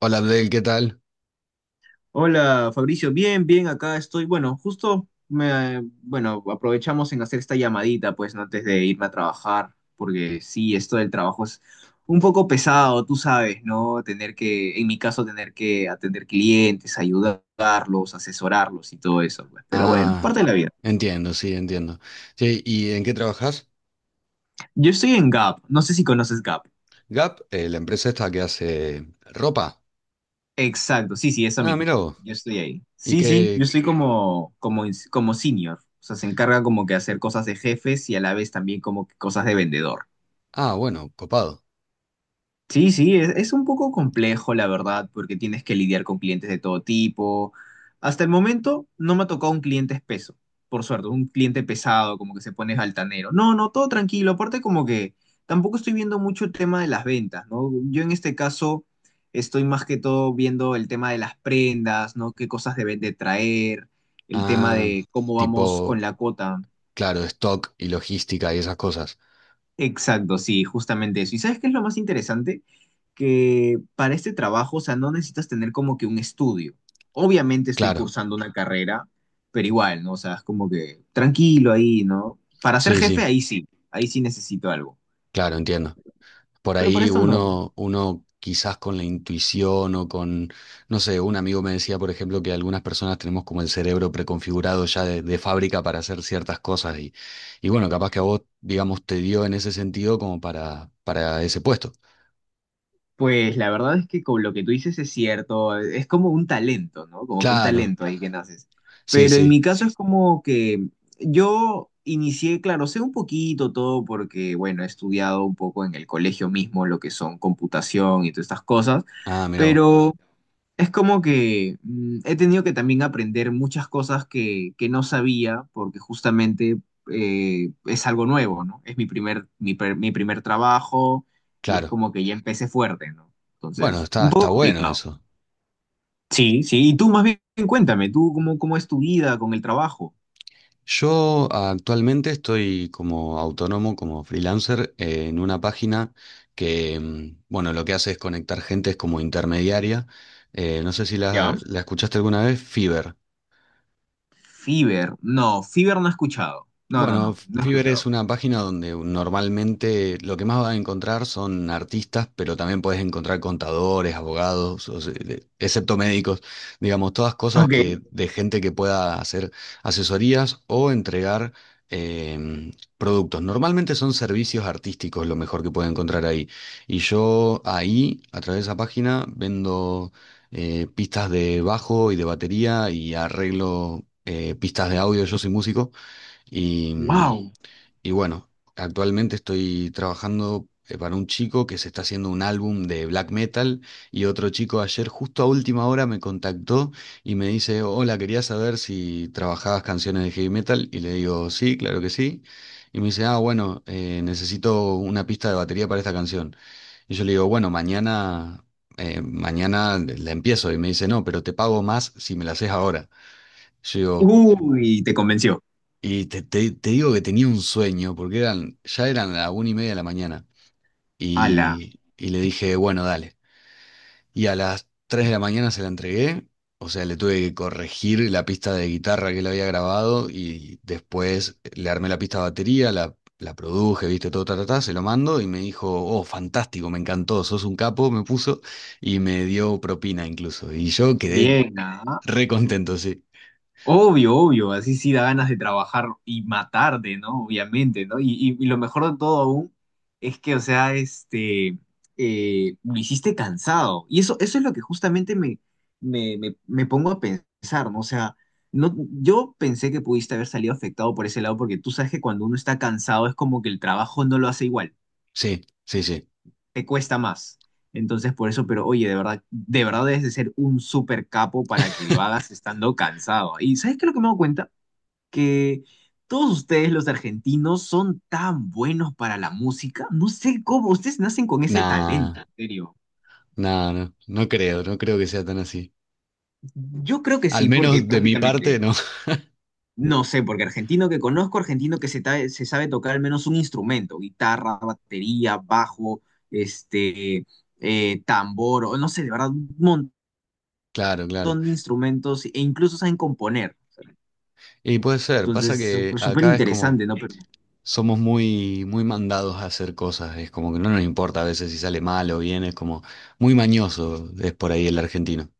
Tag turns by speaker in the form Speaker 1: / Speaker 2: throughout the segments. Speaker 1: Hola Abdel, ¿qué tal?
Speaker 2: Hola Fabricio, bien, bien, acá estoy. Bueno, justo me, bueno, aprovechamos en hacer esta llamadita, pues, ¿no? Antes de irme a trabajar, porque sí, esto del trabajo es un poco pesado, tú sabes, ¿no? Tener que, en mi caso, tener que atender clientes, ayudarlos, asesorarlos y todo eso, pues. Pero bueno, parte de
Speaker 1: Ah,
Speaker 2: la vida.
Speaker 1: entiendo. Sí, ¿y en qué trabajas?
Speaker 2: Yo estoy en Gap, no sé si conoces Gap.
Speaker 1: Gap, la empresa esta que hace ropa.
Speaker 2: Exacto, sí, sí, eso
Speaker 1: Ah,
Speaker 2: mismo.
Speaker 1: mira vos.
Speaker 2: Yo estoy ahí.
Speaker 1: ¿Y
Speaker 2: Sí, sí, yo
Speaker 1: qué?
Speaker 2: estoy como senior. O sea, se encarga como que hacer cosas de jefes y a la vez también como que cosas de vendedor.
Speaker 1: Ah, bueno, copado.
Speaker 2: Sí, sí, es un poco complejo, la verdad, porque tienes que lidiar con clientes de todo tipo. Hasta el momento no me ha tocado un cliente espeso, por suerte, un cliente pesado, como que se pone altanero. No, no, todo tranquilo. Aparte, como que tampoco estoy viendo mucho el tema de las ventas, ¿no? Yo en este caso estoy más que todo viendo el tema de las prendas, ¿no? Qué cosas deben de traer, el tema
Speaker 1: Ah,
Speaker 2: de cómo vamos con
Speaker 1: tipo,
Speaker 2: la cuota.
Speaker 1: claro, stock y logística y esas cosas.
Speaker 2: Exacto, sí, justamente eso. ¿Y sabes qué es lo más interesante? Que para este trabajo, o sea, no necesitas tener como que un estudio. Obviamente estoy
Speaker 1: Claro,
Speaker 2: cursando una carrera, pero igual, ¿no? O sea, es como que tranquilo ahí, ¿no? Para ser
Speaker 1: sí,
Speaker 2: jefe,
Speaker 1: sí,
Speaker 2: ahí sí necesito algo.
Speaker 1: claro, entiendo. Por
Speaker 2: Pero para
Speaker 1: ahí
Speaker 2: esto no.
Speaker 1: uno quizás con la intuición no sé, un amigo me decía, por ejemplo, que algunas personas tenemos como el cerebro preconfigurado ya de fábrica para hacer ciertas cosas y bueno, capaz que a vos, digamos, te dio en ese sentido como para ese puesto.
Speaker 2: Pues la verdad es que con lo que tú dices es cierto, es como un talento, ¿no? Como que un
Speaker 1: Claro,
Speaker 2: talento ahí que naces.
Speaker 1: sí,
Speaker 2: Pero en
Speaker 1: sí.
Speaker 2: mi caso es como que yo inicié, claro, sé un poquito todo porque, bueno, he estudiado un poco en el colegio mismo lo que son computación y todas estas cosas, Ujú.
Speaker 1: Ah, mira vos,
Speaker 2: Pero es como que he tenido que también aprender muchas cosas que no sabía porque justamente es algo nuevo, ¿no? Es mi primer, mi, per- mi primer trabajo y es
Speaker 1: claro.
Speaker 2: como que ya empecé fuerte, ¿no?
Speaker 1: Bueno,
Speaker 2: Entonces, un
Speaker 1: está
Speaker 2: poco
Speaker 1: bueno
Speaker 2: complicado.
Speaker 1: eso.
Speaker 2: Sí, sí. Y tú más bien cuéntame, tú cómo, cómo es tu vida con el trabajo,
Speaker 1: Yo actualmente estoy como autónomo, como freelancer, en una página que, bueno, lo que hace es conectar gente, es como intermediaria. No sé si
Speaker 2: ¿ya?
Speaker 1: la escuchaste alguna vez, Fiverr.
Speaker 2: Fiverr no he escuchado. No, no,
Speaker 1: Bueno,
Speaker 2: no, no he
Speaker 1: Fiverr es
Speaker 2: escuchado.
Speaker 1: una página donde normalmente lo que más vas a encontrar son artistas, pero también puedes encontrar contadores, abogados, excepto médicos, digamos, todas cosas
Speaker 2: Ok,
Speaker 1: que de gente que pueda hacer asesorías o entregar em, productos. Normalmente son servicios artísticos lo mejor que puedes encontrar ahí. Y yo ahí, a través de esa página, vendo pistas de bajo y de batería y arreglo pistas de audio. Yo soy músico. Y, mm,
Speaker 2: wow.
Speaker 1: y bueno, actualmente estoy trabajando para un chico que se está haciendo un álbum de black metal, y otro chico ayer justo a última hora me contactó y me dice, hola, quería saber si trabajabas canciones de heavy metal, y le digo, sí, claro que sí. Y me dice, ah, bueno, necesito una pista de batería para esta canción. Y yo le digo, bueno, mañana, mañana la empiezo. Y me dice, no, pero te pago más si me la haces ahora. Yo digo,
Speaker 2: Uy, te convenció.
Speaker 1: te, te digo que tenía un sueño, porque eran, ya eran las 1:30 de la mañana.
Speaker 2: Ala,
Speaker 1: Y le dije, bueno, dale. Y a las 3 de la mañana se la entregué. O sea, le tuve que corregir la pista de guitarra que él había grabado. Y después le armé la pista de batería, la produje, viste, todo, ta, ta, ta, se lo mando. Y me dijo, oh, fantástico, me encantó, sos un capo, me puso. Y me dio propina incluso. Y yo quedé
Speaker 2: bien, ah.
Speaker 1: re contento, sí.
Speaker 2: Obvio, obvio, así sí da ganas de trabajar y matarte, ¿no? Obviamente, ¿no? Y, y lo mejor de todo aún es que, o sea, este, lo hiciste cansado. Y eso es lo que justamente me pongo a pensar, ¿no? O sea, no, yo pensé que pudiste haber salido afectado por ese lado porque tú sabes que cuando uno está cansado es como que el trabajo no lo hace igual,
Speaker 1: Sí, sí, sí.
Speaker 2: te cuesta más. Entonces, por eso, pero oye, de verdad debes de ser un súper capo para que lo hagas estando cansado. ¿Y sabes qué es lo que me doy cuenta? Que todos ustedes, los argentinos, son tan buenos para la música. No sé cómo, ustedes nacen con ese
Speaker 1: Nah.
Speaker 2: talento, en serio.
Speaker 1: No, no, no creo que sea tan así.
Speaker 2: Yo creo que
Speaker 1: Al
Speaker 2: sí, porque
Speaker 1: menos de mi parte,
Speaker 2: prácticamente,
Speaker 1: no.
Speaker 2: no sé, porque argentino que conozco, argentino se sabe tocar al menos un instrumento, guitarra, batería, bajo, este, tambor, o no sé, de verdad, un montón
Speaker 1: Claro,
Speaker 2: de
Speaker 1: claro.
Speaker 2: instrumentos e incluso saben componer.
Speaker 1: Y puede ser, pasa
Speaker 2: Entonces,
Speaker 1: que
Speaker 2: súper súper
Speaker 1: acá es como
Speaker 2: interesante, ¿no? Pero
Speaker 1: somos muy, muy mandados a hacer cosas, es como que no nos importa a veces si sale mal o bien, es como muy mañoso, es por ahí el argentino.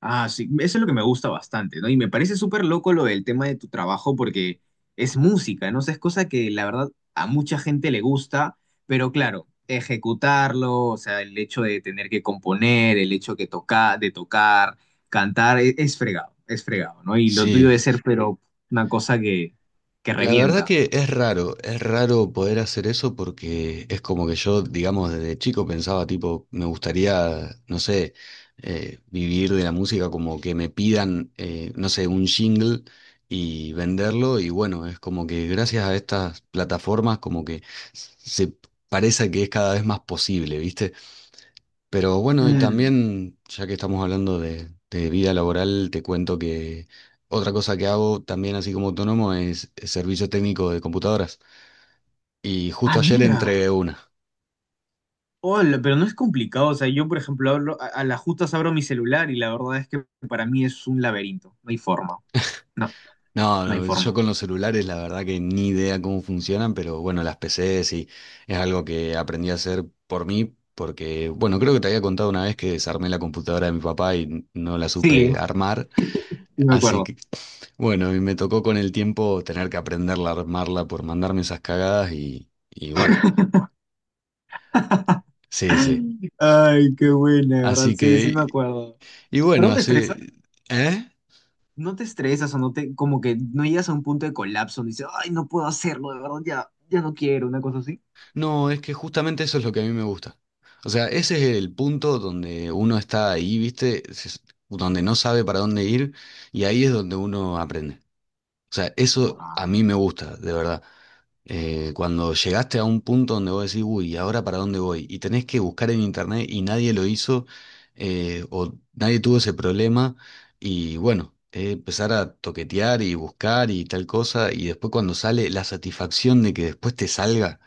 Speaker 2: ah, sí, eso es lo que me gusta bastante, ¿no? Y me parece súper loco lo del tema de tu trabajo porque es música, ¿no? O sea, es cosa que la verdad a mucha gente le gusta, pero claro, ejecutarlo, o sea, el hecho de tener que componer, el hecho de tocar, cantar, es fregado, ¿no? Y lo tuyo
Speaker 1: Sí,
Speaker 2: de ser, pero una cosa que
Speaker 1: la verdad
Speaker 2: revienta.
Speaker 1: que es raro poder hacer eso porque es como que yo, digamos, desde chico pensaba, tipo, me gustaría, no sé, vivir de la música como que me pidan, no sé, un jingle y venderlo, y bueno, es como que gracias a estas plataformas como que se parece que es cada vez más posible, ¿viste? Pero bueno, y
Speaker 2: Mm.
Speaker 1: también, ya que estamos hablando de vida laboral, te cuento que otra cosa que hago también así como autónomo es servicio técnico de computadoras. Y
Speaker 2: Ah,
Speaker 1: justo ayer
Speaker 2: mira.
Speaker 1: entregué una.
Speaker 2: Hola, pero no es complicado. O sea, yo, por ejemplo, hablo, a las justas abro mi celular y la verdad es que para mí es un laberinto. No hay forma. No,
Speaker 1: No,
Speaker 2: no hay
Speaker 1: no, yo
Speaker 2: forma.
Speaker 1: con los celulares la verdad que ni idea cómo funcionan, pero bueno, las PCs es algo que aprendí a hacer por mí, porque bueno, creo que te había contado una vez que desarmé la computadora de mi papá y no la
Speaker 2: Sí,
Speaker 1: supe armar,
Speaker 2: sí me
Speaker 1: así
Speaker 2: acuerdo.
Speaker 1: que bueno, a mí me tocó con el tiempo tener que aprenderla a armarla por mandarme esas cagadas y bueno, sí, sí.
Speaker 2: Ay, qué buena, ¿verdad?
Speaker 1: Así
Speaker 2: Sí,
Speaker 1: que,
Speaker 2: sí me acuerdo.
Speaker 1: y
Speaker 2: Pero
Speaker 1: bueno,
Speaker 2: no te estresas,
Speaker 1: así, ¿eh?
Speaker 2: no te estresas o no te, como que no llegas a un punto de colapso, y dices, ay, no puedo hacerlo, de verdad, ya, ya no quiero, una cosa así.
Speaker 1: No, es que justamente eso es lo que a mí me gusta. O sea, ese es el punto donde uno está ahí, ¿viste? Donde no sabe para dónde ir, y ahí es donde uno aprende. O sea, eso a
Speaker 2: Wow,
Speaker 1: mí me gusta, de verdad. Cuando llegaste a un punto donde vos decís, uy, ¿y ahora para dónde voy? Y tenés que buscar en internet y nadie lo hizo, o nadie tuvo ese problema, y bueno, empezar a toquetear y buscar y tal cosa, y después cuando sale la satisfacción de que después te salga,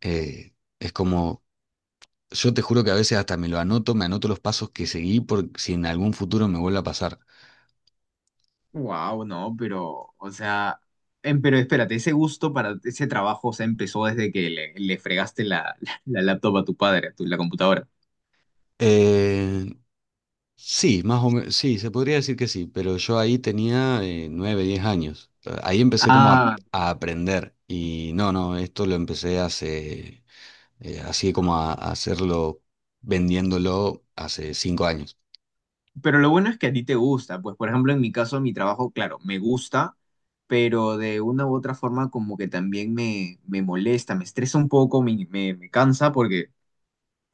Speaker 1: eh, es como, yo te juro que a veces hasta me lo anoto, me anoto los pasos que seguí por si en algún futuro me vuelve a pasar.
Speaker 2: wow, no, pero, o sea, pero espérate, ese gusto para ese trabajo, o sea, empezó desde que le fregaste la laptop a tu padre, a tu, la computadora.
Speaker 1: Eh, Sí, más o menos, sí, se podría decir que sí, pero yo ahí tenía 9, 10 años. Ahí empecé como
Speaker 2: Ah,
Speaker 1: a aprender, y no, no, esto lo empecé hace, así como a hacerlo vendiéndolo hace 5 años.
Speaker 2: pero lo bueno es que a ti te gusta, pues por ejemplo en mi caso mi trabajo, claro, me gusta, pero de una u otra forma como que también me molesta, me estresa un poco, me cansa porque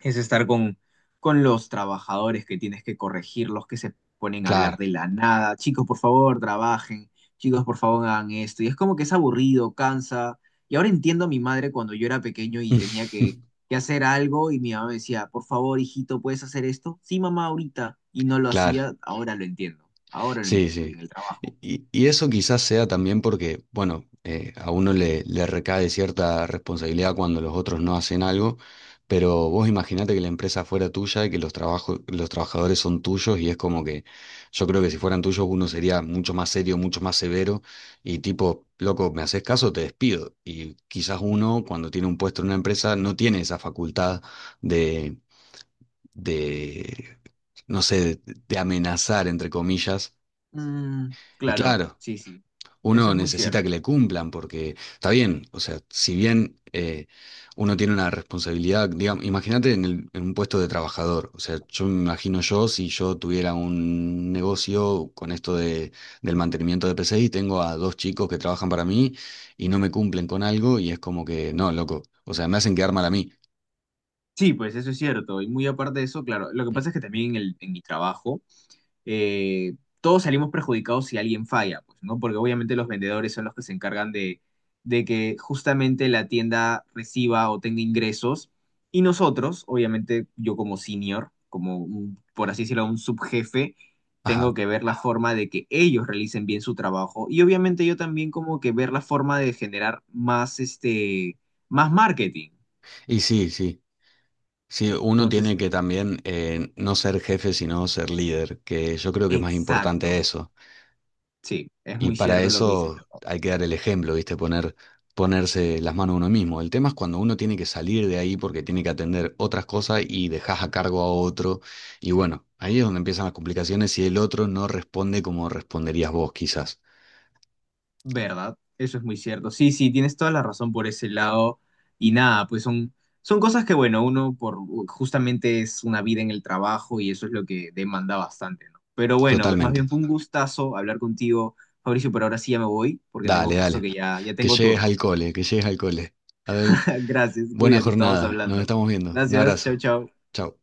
Speaker 2: es estar con los trabajadores que tienes que corregir, los que se ponen a hablar
Speaker 1: Claro,
Speaker 2: de la nada. Chicos, por favor, trabajen. Chicos, por favor, hagan esto. Y es como que es aburrido, cansa. Y ahora entiendo a mi madre cuando yo era pequeño y tenía que hacer algo y mi mamá me decía, por favor, hijito, ¿puedes hacer esto? Sí, mamá, ahorita. Y no lo
Speaker 1: claro.
Speaker 2: hacía, ahora lo entiendo. Ahora lo
Speaker 1: Sí,
Speaker 2: entiendo. Y
Speaker 1: sí.
Speaker 2: en el trabajo.
Speaker 1: Y eso quizás sea también porque, bueno, a uno le recae cierta responsabilidad cuando los otros no hacen algo, pero vos imaginate que la empresa fuera tuya y que los trabajos, los trabajadores son tuyos, y es como que yo creo que si fueran tuyos uno sería mucho más serio, mucho más severo, y tipo, loco, ¿me haces caso? Te despido. Y quizás uno cuando tiene un puesto en una empresa no tiene esa facultad de, de, no sé, de amenazar, entre comillas.
Speaker 2: Mm,
Speaker 1: Y
Speaker 2: claro,
Speaker 1: claro,
Speaker 2: sí, sí. Eso
Speaker 1: uno
Speaker 2: es muy
Speaker 1: necesita que
Speaker 2: cierto.
Speaker 1: le cumplan porque está bien, o sea, si bien uno tiene una responsabilidad, digamos, imagínate en, en un puesto de trabajador, o sea, yo me imagino, yo si yo tuviera un negocio con esto de, del mantenimiento de PC, y tengo a dos chicos que trabajan para mí y no me cumplen con algo, y es como que, no, loco, o sea, me hacen quedar mal a mí.
Speaker 2: Sí, pues eso es cierto. Y muy aparte de eso, claro, lo que pasa es que también en mi trabajo, eh, todos salimos perjudicados si alguien falla, pues, ¿no? Porque obviamente los vendedores son los que se encargan de que justamente la tienda reciba o tenga ingresos. Y nosotros, obviamente, yo como senior, por así decirlo, un subjefe,
Speaker 1: Ajá.
Speaker 2: tengo que ver la forma de que ellos realicen bien su trabajo. Y obviamente yo también como que ver la forma de generar más, este, más marketing.
Speaker 1: Y sí, sí. Sí, uno
Speaker 2: Entonces,
Speaker 1: tiene que también no ser jefe, sino ser líder, que yo creo que es más importante
Speaker 2: exacto.
Speaker 1: eso.
Speaker 2: Sí, es
Speaker 1: Y
Speaker 2: muy
Speaker 1: para
Speaker 2: cierto lo que dices.
Speaker 1: eso hay que dar el ejemplo, ¿viste? Ponerse las manos uno mismo. El tema es cuando uno tiene que salir de ahí porque tiene que atender otras cosas y dejas a cargo a otro. Y bueno, ahí es donde empiezan las complicaciones si el otro no responde como responderías vos, quizás.
Speaker 2: ¿Verdad? Eso es muy cierto. Sí, sí, tienes toda la razón por ese lado. Y nada, pues son, son cosas que, bueno, uno por justamente es una vida en el trabajo y eso es lo que demanda bastante, ¿no? Pero bueno, pues más
Speaker 1: Totalmente.
Speaker 2: bien fue un gustazo hablar contigo, Fabricio, pero ahora sí ya me voy porque tengo
Speaker 1: Dale,
Speaker 2: justo
Speaker 1: dale.
Speaker 2: que ya, ya
Speaker 1: Que
Speaker 2: tengo
Speaker 1: llegues
Speaker 2: turno.
Speaker 1: al cole, que llegues al cole. Abel,
Speaker 2: Gracias,
Speaker 1: buena
Speaker 2: cuídate, estamos
Speaker 1: jornada. Nos
Speaker 2: hablando.
Speaker 1: estamos viendo. Un
Speaker 2: Gracias, chau,
Speaker 1: abrazo.
Speaker 2: chau.
Speaker 1: Chau.